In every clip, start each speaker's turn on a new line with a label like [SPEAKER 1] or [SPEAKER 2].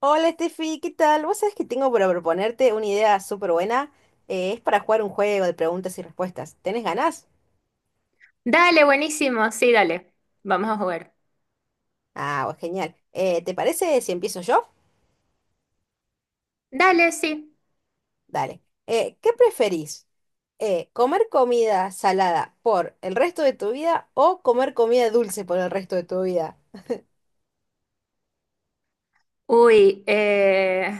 [SPEAKER 1] Hola Steffi, ¿qué tal? Vos sabés que tengo para proponerte una idea súper buena. Es para jugar un juego de preguntas y respuestas. ¿Tenés ganas?
[SPEAKER 2] Dale, buenísimo, sí, dale. Vamos a jugar.
[SPEAKER 1] Ah, bueno, genial. ¿Te parece si empiezo yo?
[SPEAKER 2] Dale, sí.
[SPEAKER 1] Dale. ¿Qué preferís? ¿Comer comida salada por el resto de tu vida o comer comida dulce por el resto de tu vida?
[SPEAKER 2] Uy,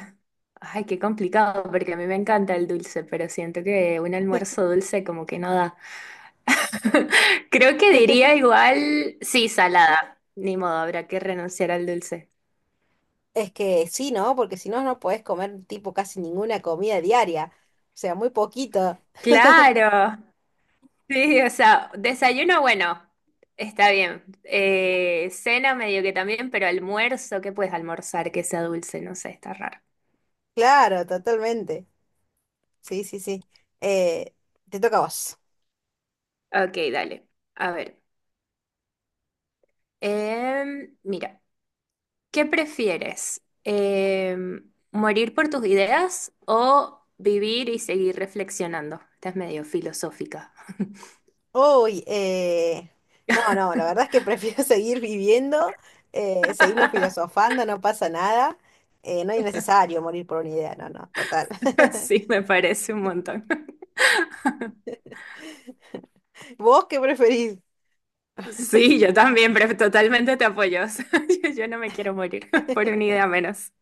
[SPEAKER 2] ay, qué complicado, porque a mí me encanta el dulce, pero siento que un almuerzo dulce como que no da. Creo que diría igual, sí, salada. Ni modo, habrá que renunciar al dulce.
[SPEAKER 1] Es que sí, ¿no? Porque si no, no podés comer tipo casi ninguna comida diaria. O sea, muy poquito.
[SPEAKER 2] Claro, sí, o sea, desayuno, bueno, está bien. Cena medio que también, pero almuerzo, ¿qué puedes almorzar que sea dulce? No sé, está raro.
[SPEAKER 1] Claro, totalmente. Sí, sí, sí. Eh, Te toca a vos.
[SPEAKER 2] Ok, dale. A ver. Mira, ¿qué prefieres? ¿Morir por tus ideas o vivir y seguir reflexionando? Estás medio filosófica.
[SPEAKER 1] Uy, no, no, la verdad es que prefiero seguir viviendo, seguimos filosofando, no pasa nada, no es necesario morir por una idea, no, no, total.
[SPEAKER 2] Sí, me parece un montón.
[SPEAKER 1] ¿Vos qué preferís?
[SPEAKER 2] Sí, yo también, pero totalmente te apoyo. Yo no me quiero morir por una idea menos.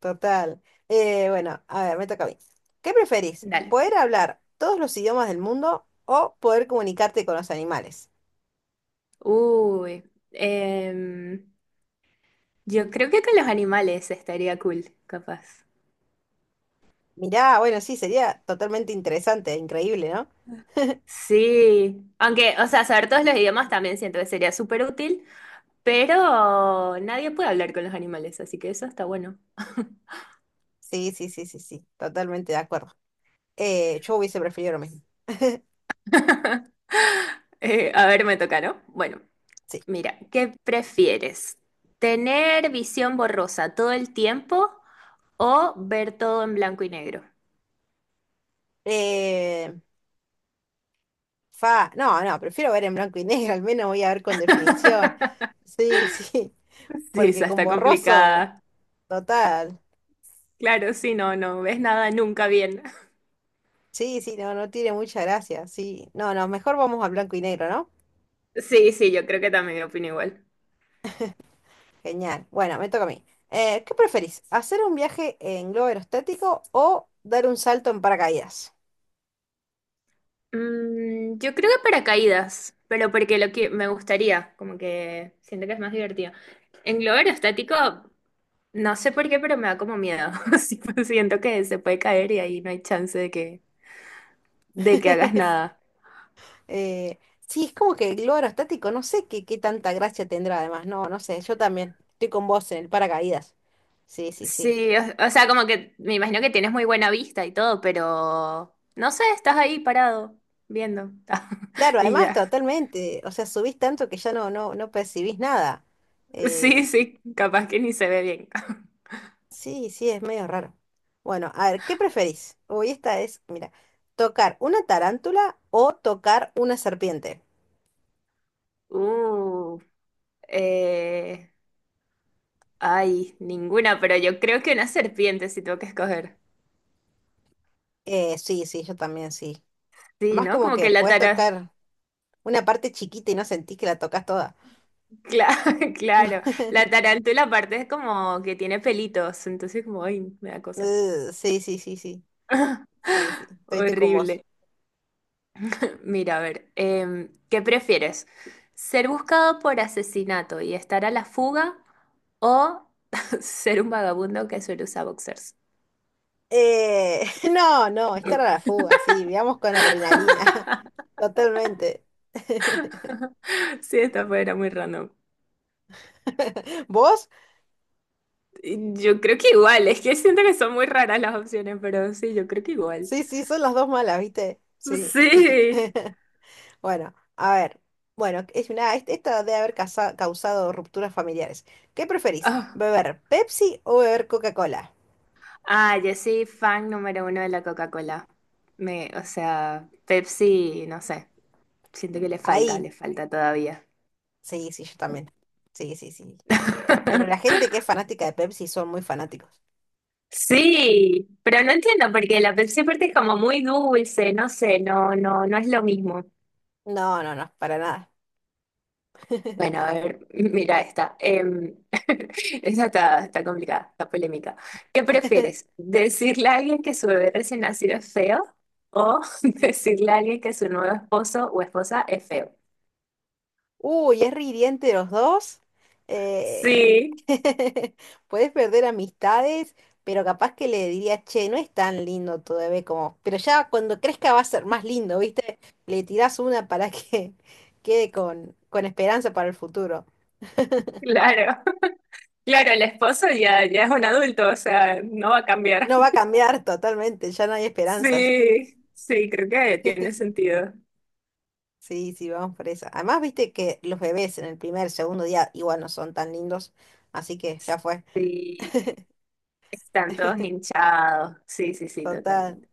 [SPEAKER 1] Total. Bueno, a ver, me toca a mí. ¿Qué preferís?
[SPEAKER 2] Dale.
[SPEAKER 1] ¿Poder hablar todos los idiomas del mundo o poder comunicarte con los animales?
[SPEAKER 2] Uy, em, yo creo que con los animales estaría cool, capaz.
[SPEAKER 1] Mirá, bueno, sí, sería totalmente interesante, e increíble, ¿no?
[SPEAKER 2] Sí, aunque, o sea, saber todos los idiomas también siento que sería súper útil, pero nadie puede hablar con los animales, así que eso está bueno.
[SPEAKER 1] Sí, sí, sí, sí, sí, totalmente de acuerdo. Yo hubiese preferido lo mismo.
[SPEAKER 2] A ver, me toca, ¿no? Bueno,
[SPEAKER 1] Sí.
[SPEAKER 2] mira, ¿qué prefieres? ¿Tener visión borrosa todo el tiempo o ver todo en blanco y negro?
[SPEAKER 1] Eh, no, no, prefiero ver en blanco y negro, al menos voy a ver con definición. Sí, sí,
[SPEAKER 2] Sí,
[SPEAKER 1] porque
[SPEAKER 2] esa
[SPEAKER 1] con
[SPEAKER 2] está
[SPEAKER 1] borroso,
[SPEAKER 2] complicada.
[SPEAKER 1] total.
[SPEAKER 2] Claro, sí, no, no ves nada nunca bien.
[SPEAKER 1] Sí, sí, no, no tiene mucha gracia, sí. No, no, mejor vamos a blanco y negro, ¿no?
[SPEAKER 2] Sí, sí, yo creo que también opino igual.
[SPEAKER 1] Genial. Bueno, me toca a mí. ¿Qué preferís? ¿Hacer un viaje en globo aerostático o dar un salto en paracaídas?
[SPEAKER 2] Yo creo que paracaídas, pero porque lo que me gustaría, como que siento que es más divertido. En globo aerostático. No sé por qué, pero me da como miedo. Sí, pues, siento que se puede caer y ahí no hay chance de que hagas nada.
[SPEAKER 1] Eh, sí, es como que el globo aerostático, no sé qué, qué tanta gracia tendrá además, no, no sé, yo también estoy con vos en el paracaídas. Sí, sí, sí.
[SPEAKER 2] Sí, o sea, como que me imagino que tienes muy buena vista y todo, pero no sé, estás ahí parado, viendo.
[SPEAKER 1] Claro,
[SPEAKER 2] Y
[SPEAKER 1] además
[SPEAKER 2] ya.
[SPEAKER 1] totalmente, o sea, subís tanto que ya no, no, no percibís nada. Eh,
[SPEAKER 2] Sí, sí, capaz que ni se ve bien.
[SPEAKER 1] sí, sí, es medio raro. Bueno, a ver, ¿qué preferís? Uy, esta es, mira, tocar una tarántula o tocar una serpiente.
[SPEAKER 2] Uh, eh, ay, ninguna, pero yo creo que una serpiente si tengo que escoger.
[SPEAKER 1] Sí, sí, yo también sí.
[SPEAKER 2] Sí,
[SPEAKER 1] Además
[SPEAKER 2] ¿no?
[SPEAKER 1] como
[SPEAKER 2] Como
[SPEAKER 1] que
[SPEAKER 2] que la
[SPEAKER 1] puedes
[SPEAKER 2] tara-
[SPEAKER 1] tocar una parte chiquita y no sentís que la tocas toda.
[SPEAKER 2] Claro, claro. La tarántula aparte es como que tiene pelitos, entonces como, ay, me da cosa.
[SPEAKER 1] Sí, sí, sí, sí, sí, sí, estoy con vos.
[SPEAKER 2] Horrible. Mira, a ver, ¿qué prefieres? ¿Ser buscado por asesinato y estar a la fuga o ser un vagabundo que suele usar boxers?
[SPEAKER 1] Eh, no, no, esta era la fuga, sí, veamos con adrenalina, totalmente.
[SPEAKER 2] Sí, esta fue, era muy random.
[SPEAKER 1] ¿Vos?
[SPEAKER 2] Yo creo que igual, es que siento que son muy raras las opciones, pero sí, yo creo que igual.
[SPEAKER 1] Sí, sí, son las dos malas, ¿viste? Sí.
[SPEAKER 2] Sí.
[SPEAKER 1] Bueno, a ver. Bueno, es una, esta debe haber causado rupturas familiares. ¿Qué preferís? ¿Beber Pepsi o beber Coca-Cola?
[SPEAKER 2] Ah, yo soy fan número uno de la Coca-Cola. O sea, Pepsi, no sé, siento que le falta,
[SPEAKER 1] Ahí.
[SPEAKER 2] le falta todavía.
[SPEAKER 1] Sí, sí, yo también. Sí, sí, sí. Pero la gente que es fanática de Pepsi son muy fanáticos.
[SPEAKER 2] Sí, pero no entiendo porque la Pepsi aparte es como muy dulce, no sé, no, no, no es lo mismo.
[SPEAKER 1] No, no, no, para nada.
[SPEAKER 2] Bueno, a ver, mira esta. Esta está complicada, está polémica. ¿Qué prefieres? ¿Decirle a alguien que su bebé recién nacido es feo o decirle a alguien que su nuevo esposo o esposa es feo?
[SPEAKER 1] Uy, es ridiente los dos. Eh,
[SPEAKER 2] Sí.
[SPEAKER 1] Puedes perder amistades, pero capaz que le diría, che, no es tan lindo tu bebé como. Pero ya cuando crezca va a ser más lindo, ¿viste? Le tirás una para que quede con esperanza para el futuro.
[SPEAKER 2] Claro, claro, el esposo ya es un adulto, o sea, no va a cambiar.
[SPEAKER 1] No va a cambiar totalmente, ya no hay esperanzas.
[SPEAKER 2] Sí, sí, creo que tiene sentido.
[SPEAKER 1] Sí, sí, vamos por esa. Además, viste que los bebés en el primer, segundo día igual no son tan lindos, así que ya fue.
[SPEAKER 2] Sí, están todos hinchados. Sí, sí, sí,
[SPEAKER 1] Total.
[SPEAKER 2] totalmente.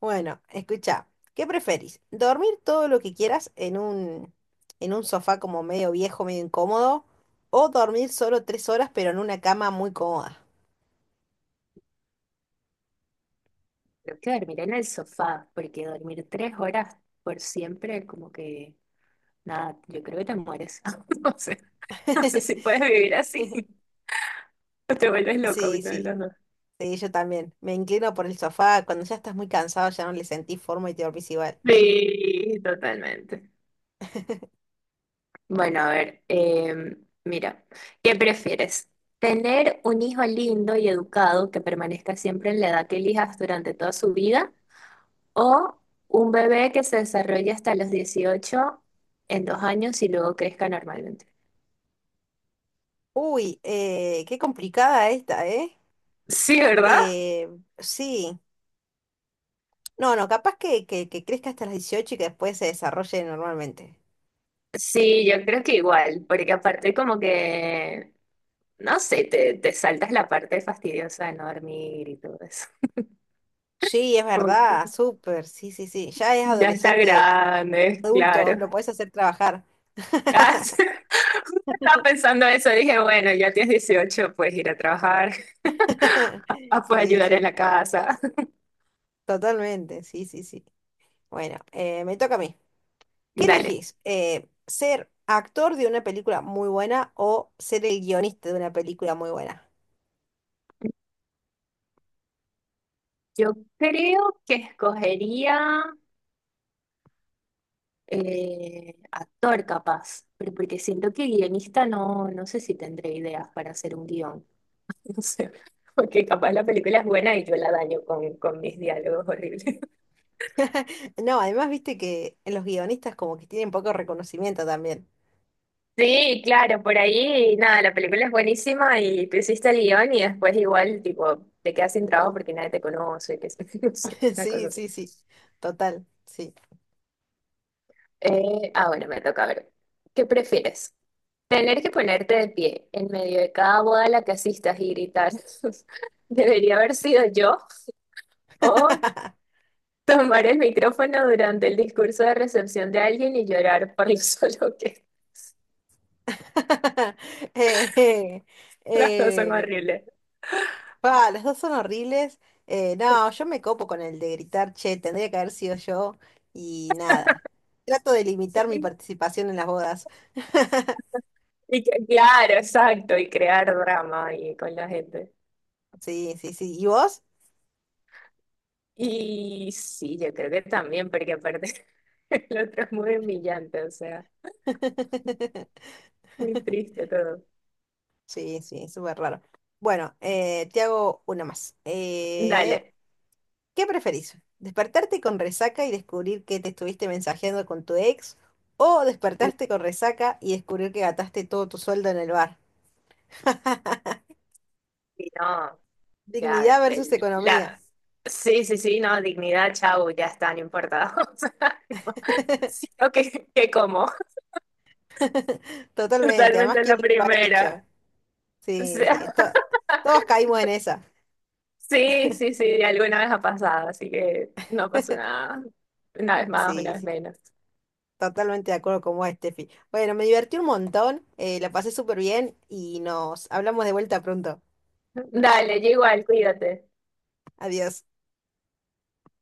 [SPEAKER 1] Bueno, escucha, ¿qué preferís? ¿Dormir todo lo que quieras en un sofá como medio viejo, medio incómodo? ¿O dormir solo tres horas pero en una cama muy cómoda?
[SPEAKER 2] Creo que dormir en el sofá, porque dormir 3 horas por siempre, como que, nada, yo creo que te mueres. No sé, no sé si puedes vivir así o te vuelves loco
[SPEAKER 1] Sí,
[SPEAKER 2] uno de
[SPEAKER 1] sí,
[SPEAKER 2] los dos.
[SPEAKER 1] sí, yo también. Me inclino por el sofá. Cuando ya estás muy cansado ya no le sentís forma y te dormís igual.
[SPEAKER 2] Sí, totalmente. Bueno, a ver, mira, ¿qué prefieres? ¿Tener un hijo lindo y educado que permanezca siempre en la edad que elijas durante toda su vida? ¿O un bebé que se desarrolle hasta los 18 en 2 años y luego crezca normalmente?
[SPEAKER 1] Uy, qué complicada esta, ¿eh?
[SPEAKER 2] Sí, ¿verdad?
[SPEAKER 1] Eh, sí. No, no, capaz que crezca hasta las 18 y que después se desarrolle normalmente.
[SPEAKER 2] Sí, yo creo que igual, porque aparte como que, no sé, te saltas la parte fastidiosa de no dormir y todo eso.
[SPEAKER 1] Sí, es
[SPEAKER 2] Como
[SPEAKER 1] verdad,
[SPEAKER 2] que
[SPEAKER 1] súper, sí, sí, sí. Ya es
[SPEAKER 2] ya está
[SPEAKER 1] adolescente,
[SPEAKER 2] grande,
[SPEAKER 1] adulto,
[SPEAKER 2] claro.
[SPEAKER 1] lo puedes hacer trabajar.
[SPEAKER 2] Ah, sí. Justo estaba pensando eso, dije, bueno, ya tienes 18, puedes ir a trabajar, ah, puedes
[SPEAKER 1] Sí,
[SPEAKER 2] ayudar en
[SPEAKER 1] sí,
[SPEAKER 2] la casa.
[SPEAKER 1] totalmente, sí, sí, sí. Bueno, me toca a mí. ¿Qué
[SPEAKER 2] Dale,
[SPEAKER 1] elegís? ¿Ser actor de una película muy buena o ser el guionista de una película muy buena?
[SPEAKER 2] yo creo que escogería actor capaz, pero porque siento que guionista no, no sé si tendré ideas para hacer un guión, no sé, porque capaz la película es buena y yo la daño con mis diálogos horribles.
[SPEAKER 1] No, además viste que los guionistas como que tienen poco reconocimiento también.
[SPEAKER 2] Sí, claro, por ahí, nada, la película es buenísima y tú hiciste el guión y después igual, tipo, te quedas sin trabajo porque nadie te conoce, que no sé, una
[SPEAKER 1] Sí,
[SPEAKER 2] cosa así.
[SPEAKER 1] sí, sí. Total, sí.
[SPEAKER 2] Ah, bueno, me toca ver. ¿Qué prefieres? Tener que ponerte de pie en medio de cada boda a la que asistas y gritar, debería haber sido yo, o tomar el micrófono durante el discurso de recepción de alguien y llorar por lo solo
[SPEAKER 1] Eh,
[SPEAKER 2] Las dos son
[SPEAKER 1] eh,
[SPEAKER 2] horribles.
[SPEAKER 1] pa, los dos son horribles. No, yo me copo con el de gritar, che, tendría que haber sido yo y nada. Trato de limitar mi participación en las bodas.
[SPEAKER 2] Y claro, exacto, y crear drama ahí con la gente.
[SPEAKER 1] Sí, sí, sí. ¿Y vos?
[SPEAKER 2] Y sí, yo creo que también, porque aparte el otro es muy humillante, o sea, muy triste todo.
[SPEAKER 1] Sí, sí, súper raro. Bueno, te hago una más.
[SPEAKER 2] Dale.
[SPEAKER 1] ¿Qué preferís? ¿Despertarte con resaca y descubrir que te estuviste mensajeando con tu ex? ¿O despertarte con resaca y descubrir que gastaste todo tu sueldo en el bar?
[SPEAKER 2] Y no, ya,
[SPEAKER 1] Dignidad versus economía.
[SPEAKER 2] Sí, sí, sí, no, dignidad, chau, ya está, no importa. O sea, tipo, sí, ok, ¿qué como?
[SPEAKER 1] Totalmente. Además,
[SPEAKER 2] Totalmente
[SPEAKER 1] ¿quién
[SPEAKER 2] la
[SPEAKER 1] lo ha hecho?
[SPEAKER 2] primera. O
[SPEAKER 1] Sí, sí.
[SPEAKER 2] sea,
[SPEAKER 1] Todos caímos en esa.
[SPEAKER 2] sí, sí, sí, alguna vez ha pasado, así que no pasó nada. Una vez más, una
[SPEAKER 1] Sí, sí.
[SPEAKER 2] vez menos.
[SPEAKER 1] Totalmente de acuerdo con vos, Steffi. Bueno, me divertí un montón, la pasé súper bien y nos hablamos de vuelta pronto.
[SPEAKER 2] Dale, yo igual, cuídate.
[SPEAKER 1] Adiós.